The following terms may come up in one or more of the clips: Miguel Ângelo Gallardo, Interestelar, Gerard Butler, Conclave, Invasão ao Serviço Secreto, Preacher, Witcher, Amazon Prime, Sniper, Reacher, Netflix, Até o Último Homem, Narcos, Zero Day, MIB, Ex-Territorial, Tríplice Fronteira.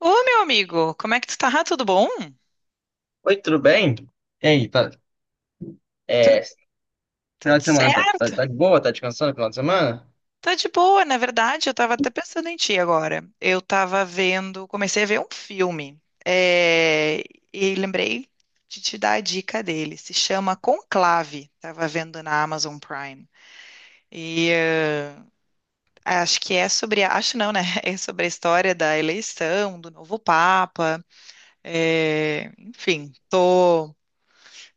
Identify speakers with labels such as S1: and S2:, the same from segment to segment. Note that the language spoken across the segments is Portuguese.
S1: Ô, meu amigo, como é que tu tá? Tudo bom?
S2: Oi, tudo bem? E aí, tá,
S1: Tu-
S2: é, final
S1: tudo
S2: de semana, tá, tá,
S1: certo?
S2: tá de boa? Tá descansando no final de semana?
S1: Tá de boa, na verdade, eu tava até pensando em ti agora. Eu tava vendo, comecei a ver um filme, e lembrei de te dar a dica dele. Se chama Conclave, tava vendo na Amazon Prime. E eh, acho que é sobre, acho não, né? É sobre a história da eleição do novo Papa. Enfim,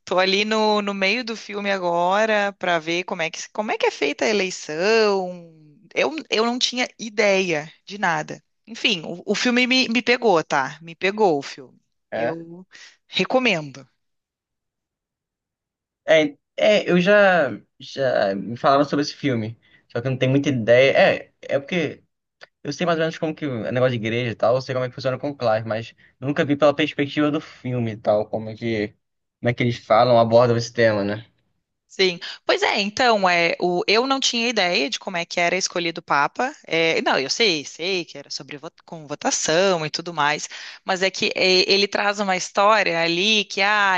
S1: Tô ali no, no meio do filme agora para ver como é que é feita a eleição. Eu não tinha ideia de nada. Enfim, o filme me pegou, tá? Me pegou o filme.
S2: É.
S1: Eu recomendo.
S2: É, é, eu já, já me falaram sobre esse filme, só que eu não tenho muita ideia. É porque eu sei mais ou menos como que é negócio de igreja e tal, eu sei como é que funciona com o Clive, mas nunca vi pela perspectiva do filme e tal, como é que eles falam, abordam esse tema, né?
S1: Sim. Pois é, então, eu não tinha ideia de como é que era escolhido o Papa. É, não, eu sei, sei que era sobre com votação e tudo mais, mas ele traz uma história ali que, ah,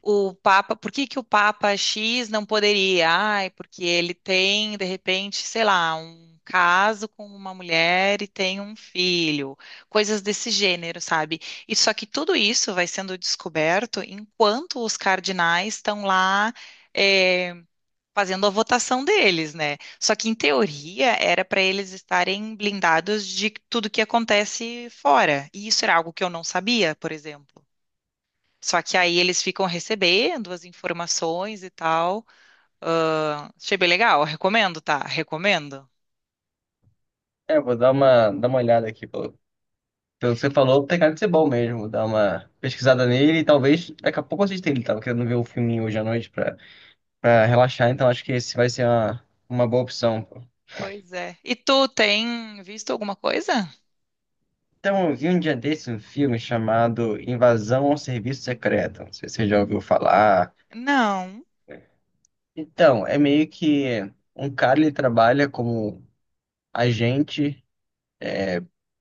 S1: o Papa, por que que o Papa X não poderia? Ai, porque ele tem, de repente, sei lá, um caso com uma mulher e tem um filho, coisas desse gênero, sabe? E só que tudo isso vai sendo descoberto enquanto os cardinais estão lá eh, fazendo a votação deles, né? Só que em teoria era para eles estarem blindados de tudo que acontece fora. E isso era algo que eu não sabia, por exemplo. Só que aí eles ficam recebendo as informações e tal. Ah, achei bem legal, recomendo, tá? Recomendo.
S2: É, eu vou dar uma olhada aqui, pô. Pelo que você falou, tem cara de ser bom mesmo. Vou dar uma pesquisada nele e talvez daqui a pouco eu assista ele. Tava querendo ver um filminho hoje à noite pra, pra relaxar, então acho que esse vai ser uma boa opção, pô.
S1: Pois é. E tu tem visto alguma coisa?
S2: Então, eu vi um dia desse um filme chamado Invasão ao Serviço Secreto. Não sei se você já ouviu falar.
S1: Não.
S2: Então, é meio que um cara, ele trabalha como agente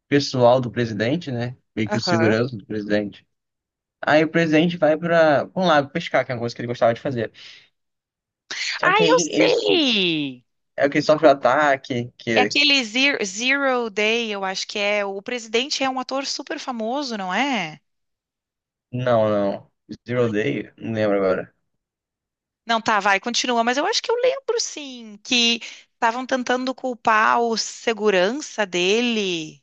S2: pessoal do presidente, né? Meio que o
S1: Aham.
S2: segurança do presidente. Aí o presidente vai para um lago pescar, que é uma coisa que ele gostava de fazer.
S1: Ah,
S2: Só que
S1: eu
S2: aí
S1: sei!
S2: é que ele sofre um
S1: Desculpa.
S2: ataque,
S1: É
S2: que...
S1: aquele Zero, Zero Day, eu acho que é. O presidente é um ator super famoso, não é?
S2: Não, não. Zero
S1: Ai,
S2: Day? Não lembro agora.
S1: não, tá, vai, continua. Mas eu acho que eu lembro, sim, que estavam tentando culpar o segurança dele.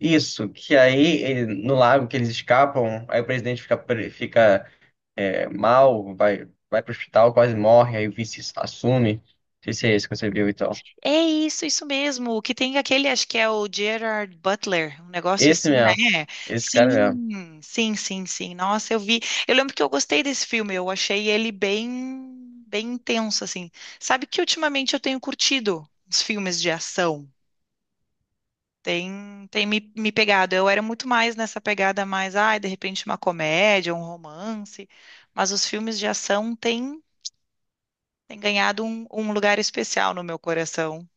S2: Isso, que no lago que eles escapam, aí o presidente fica, mal, vai, vai pro hospital, quase morre, aí o vice assume. Não sei se é esse que você viu e tal.
S1: É isso, isso mesmo. O que tem aquele, acho que é o Gerard Butler, um negócio
S2: Esse
S1: assim, né?
S2: mesmo, esse cara mesmo.
S1: Sim, sim, sim, sim. Nossa, eu vi. Eu lembro que eu gostei desse filme, eu achei ele bem, bem intenso, assim. Sabe que ultimamente eu tenho curtido os filmes de ação. Tem, me pegado. Eu era muito mais nessa pegada mais, ai, de repente uma comédia, um romance. Mas os filmes de ação têm, têm ganhado um, um lugar especial no meu coração.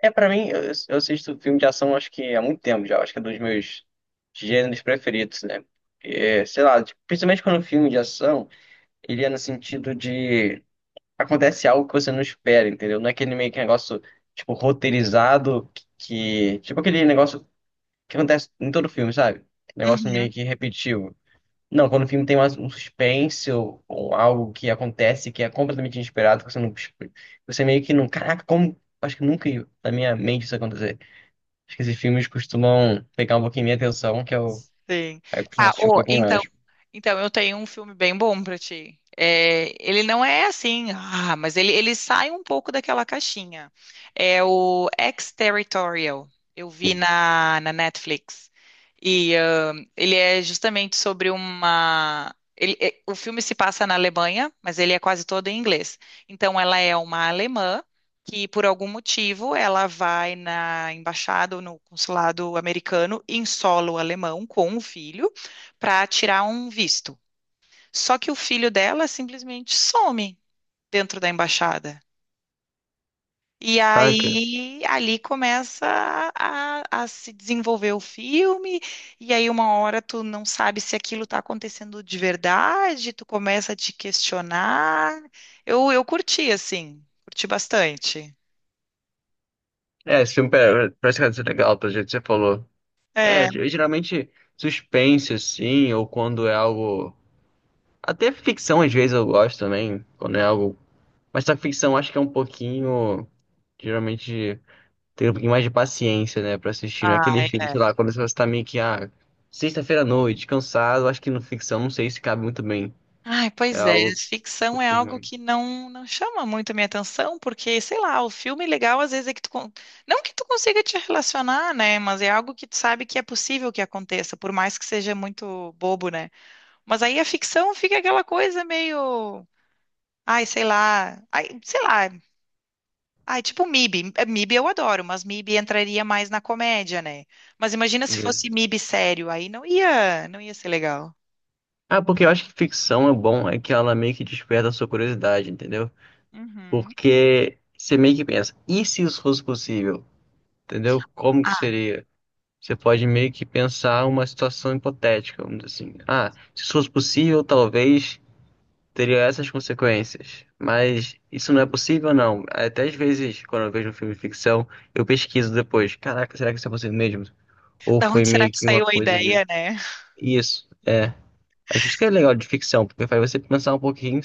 S2: Pra mim, eu assisto filme de ação acho que há muito tempo já, acho que é um dos meus gêneros preferidos, né? É, sei lá, tipo, principalmente quando o filme de ação, ele é no sentido de, acontece algo que você não espera, entendeu? Não é aquele meio que negócio, tipo, roteirizado que, tipo aquele negócio que acontece em todo filme, sabe? Negócio meio
S1: Uhum.
S2: que repetitivo. Não, quando o filme tem mais um suspense ou algo que acontece que é completamente inesperado, que você meio que não, caraca, como, acho que nunca ia na minha mente isso acontecer. Acho que esses filmes costumam pegar um pouquinho minha atenção,
S1: Sim.
S2: aí eu costumo
S1: Tá,
S2: assistir um
S1: ô,
S2: pouquinho
S1: então,
S2: mais.
S1: então eu tenho um filme bem bom pra ti. É, ele não é assim, ah, mas ele sai um pouco daquela caixinha. É o Ex-Territorial. Eu vi na, na Netflix. E ah, ele é justamente sobre uma. Ele, o filme se passa na Alemanha, mas ele é quase todo em inglês. Então ela é uma alemã que por algum motivo ela vai na embaixada ou no consulado americano em solo alemão com o filho para tirar um visto. Só que o filho dela simplesmente some dentro da embaixada. E
S2: Caraca.
S1: aí ali começa a se desenvolver o filme, e aí uma hora tu não sabe se aquilo está acontecendo de verdade, tu começa a te questionar. Eu curti, assim, curti bastante.
S2: É, esse parece que vai ser legal, pelo jeito que você falou. É,
S1: É,
S2: eu geralmente suspense, assim, ou quando é algo. Até ficção, às vezes, eu gosto também, quando é algo. Mas a ficção acho que é um pouquinho. Geralmente tem um pouquinho mais de paciência, né, pra assistir. Não é aquele filme, sei lá, quando você tá meio que, ah, sexta-feira à noite, cansado. Acho que no ficção, não sei se cabe muito bem.
S1: ai,
S2: É
S1: pois é,
S2: algo um
S1: ficção é algo
S2: pouquinho.
S1: que não não chama muito a minha atenção, porque, sei lá, o filme legal às vezes é que tu, não que tu consiga te relacionar, né, mas é algo que tu sabe que é possível que aconteça, por mais que seja muito bobo, né? Mas aí a ficção fica aquela coisa meio, ai, sei lá, ai, sei lá, ai, tipo MIB, MIB eu adoro, mas MIB entraria mais na comédia, né? Mas imagina se fosse
S2: Isso.
S1: MIB sério, aí não ia, não ia ser legal.
S2: Ah, porque eu acho que ficção é bom, é que ela meio que desperta a sua curiosidade, entendeu?
S1: Uhum.
S2: Porque você meio que pensa, e se isso fosse possível? Entendeu? Como que
S1: Ah,
S2: seria? Você pode meio que pensar uma situação hipotética, vamos dizer assim. Ah, se isso fosse possível, talvez teria essas consequências. Mas isso não é possível, não. Até às vezes, quando eu vejo um filme de ficção, eu pesquiso depois. Caraca, será que isso é possível mesmo? Ou
S1: da
S2: foi
S1: onde será
S2: meio
S1: que
S2: que uma
S1: saiu a
S2: coisa que.
S1: ideia, né?
S2: Isso, é. Acho isso que é legal de ficção, porque faz você pensar um pouquinho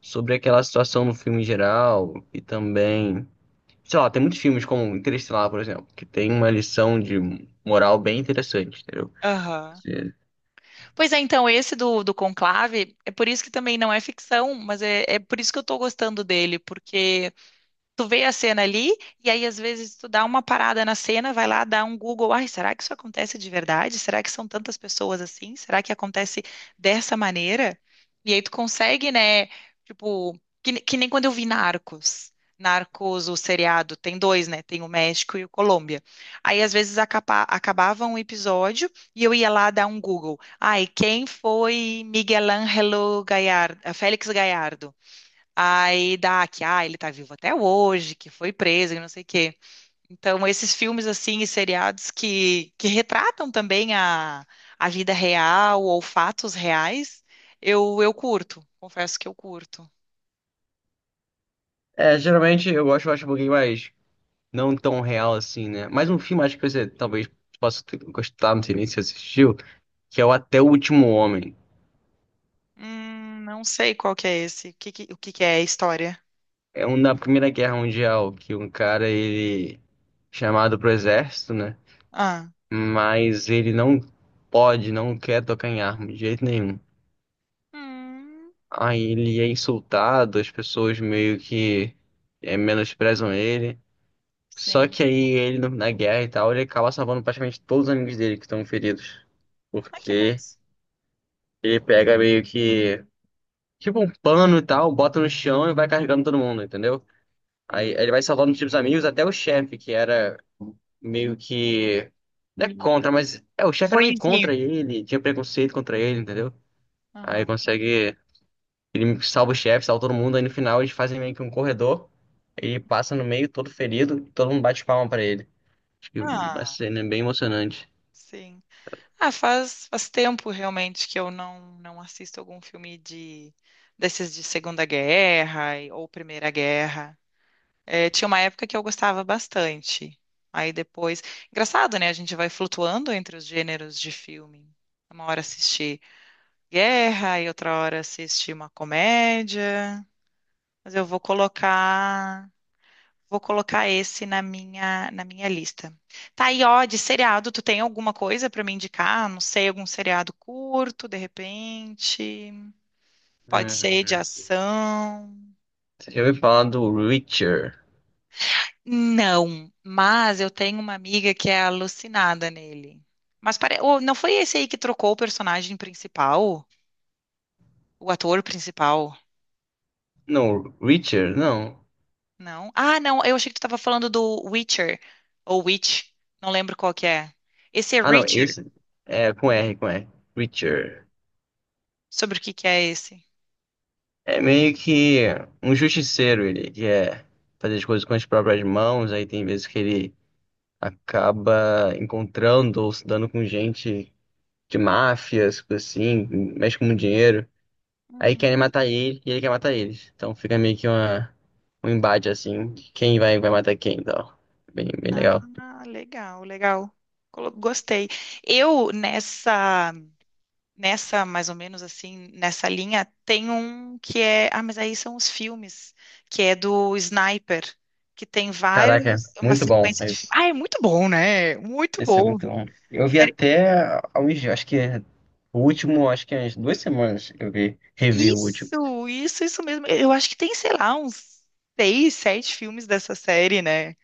S2: sobre aquela situação no filme em geral e também. Sei lá, tem muitos filmes como Interestelar, por exemplo, que tem uma lição de moral bem interessante, entendeu?
S1: Aham.
S2: Você.
S1: Pois é, então, esse do, do Conclave, é por isso que também não é ficção, mas é, é por isso que eu tô gostando dele, porque tu vê a cena ali, e aí às vezes tu dá uma parada na cena, vai lá, dá um Google, ai, será que isso acontece de verdade? Será que são tantas pessoas assim? Será que acontece dessa maneira? E aí tu consegue, né, tipo, que, que nem quando eu vi Narcos. Narcos, o seriado, tem dois, né? Tem o México e o Colômbia. Aí às vezes acaba, acabava um episódio e eu ia lá dar um Google. Ai, quem foi Miguel Ângelo Gallardo, Félix Gallardo? Aí dá que, ah, ele tá vivo até hoje, que foi preso e não sei o quê. Então, esses filmes, assim, e seriados que retratam também a vida real ou fatos reais, eu curto, confesso que eu curto.
S2: Geralmente eu gosto, eu acho um pouquinho mais não tão real assim, né? Mas um filme acho que você talvez possa ter- gostar, não sei nem se assistiu, que é o Até o Último Homem.
S1: Não sei qual que é esse, o que que é a história?
S2: É um da Primeira Guerra Mundial, que um cara, ele é chamado pro exército, né?
S1: Ah,
S2: Mas ele não pode, não quer tocar em arma de jeito nenhum.
S1: hum,
S2: Aí ele é insultado, as pessoas meio que menosprezam ele. Só
S1: sim.
S2: que aí ele, no- na guerra e tal, ele acaba salvando praticamente todos os amigos dele que estão feridos.
S1: Ah, que
S2: Porque
S1: massa.
S2: ele pega meio que tipo um pano e tal, bota no chão e vai carregando todo mundo, entendeu? Aí
S1: Hum,
S2: ele vai salvando os
S1: hum.
S2: tipos amigos, até o chefe, que era meio que. Não é contra, mas. É, o chefe era meio
S1: Ruinzinho.
S2: contra ele, tinha preconceito contra ele, entendeu? Aí
S1: Aham.
S2: consegue. Ele salva o chefe, salva todo mundo, aí no final eles fazem meio que um corredor, ele passa no meio, todo ferido, todo mundo bate palma pra ele. Acho que a
S1: Ah,
S2: cena é bem emocionante.
S1: sim. Ah, faz, faz tempo realmente que eu não, não assisto algum filme de desses de Segunda Guerra ou Primeira Guerra. É, tinha uma época que eu gostava bastante. Aí depois, engraçado, né? A gente vai flutuando entre os gêneros de filme. Uma hora assiste guerra e outra hora assiste uma comédia. Mas eu vou colocar vou colocar esse na minha lista. Tá, e ó, de seriado, tu tem alguma coisa pra me indicar? Não sei, algum seriado curto, de repente? Pode ser de
S2: Hum,
S1: ação?
S2: você já ouviu falar do Reacher?
S1: Não, mas eu tenho uma amiga que é alucinada nele. Mas pare... ô, não foi esse aí que trocou o personagem principal? O ator principal?
S2: Não, Reacher, não.
S1: Não? Ah, não, eu achei que tu tava falando do Witcher, ou Witch, não lembro qual que é. Esse é
S2: Ah, não,
S1: Richard?
S2: esse é com R. Preacher.
S1: Sobre o que que é esse?
S2: É meio que um justiceiro, ele quer fazer as coisas com as próprias mãos, aí tem vezes que ele acaba encontrando ou se dando com gente de máfias, coisa assim, mexe com muito dinheiro. Aí querem matar ele e ele quer matar eles. Então fica meio que um embate assim, de quem vai matar quem, então. Bem, bem legal.
S1: Ah, legal, legal. Gostei. Eu, nessa, nessa, mais ou menos assim, nessa linha, tem um que é. Ah, mas aí são os filmes, que é do Sniper, que tem
S2: Caraca,
S1: vários, uma
S2: muito bom.
S1: sequência de filmes. Ah, é muito bom, né? Muito
S2: Esse é
S1: bom.
S2: muito longo. Eu vi
S1: Sério.
S2: até há uns dias, acho que é o último, acho que há umas 2 semanas eu vi, revi o último.
S1: Isso mesmo. Eu acho que tem, sei lá, uns seis, sete filmes dessa série, né?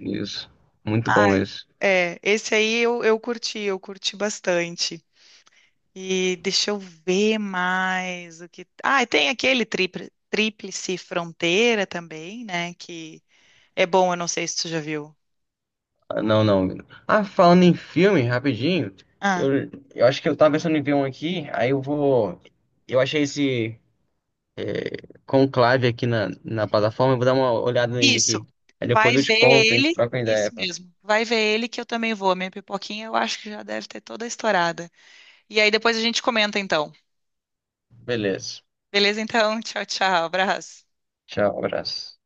S2: Isso. Muito
S1: Ah,
S2: bom isso.
S1: é. Esse aí eu curti bastante. E deixa eu ver mais o que. Ah, e tem aquele Tríplice Fronteira também, né? Que é bom, eu não sei se tu já viu.
S2: Ah, não, não, menino. Ah, falando em filme, rapidinho,
S1: Ah,
S2: eu, eu acho que eu tava pensando em ver um aqui, aí eu vou. Eu achei esse, é, Conclave, aqui na plataforma. Eu vou dar uma olhada nele
S1: isso.
S2: aqui. Aí
S1: Vai
S2: depois eu te
S1: ver
S2: conto, a gente
S1: ele,
S2: troca uma ideia,
S1: isso
S2: pá.
S1: mesmo. Vai ver ele que eu também vou. A minha pipoquinha eu acho que já deve ter toda estourada. E aí depois a gente comenta então.
S2: Beleza.
S1: Beleza, então? Tchau, tchau. Abraço.
S2: Tchau, abraço.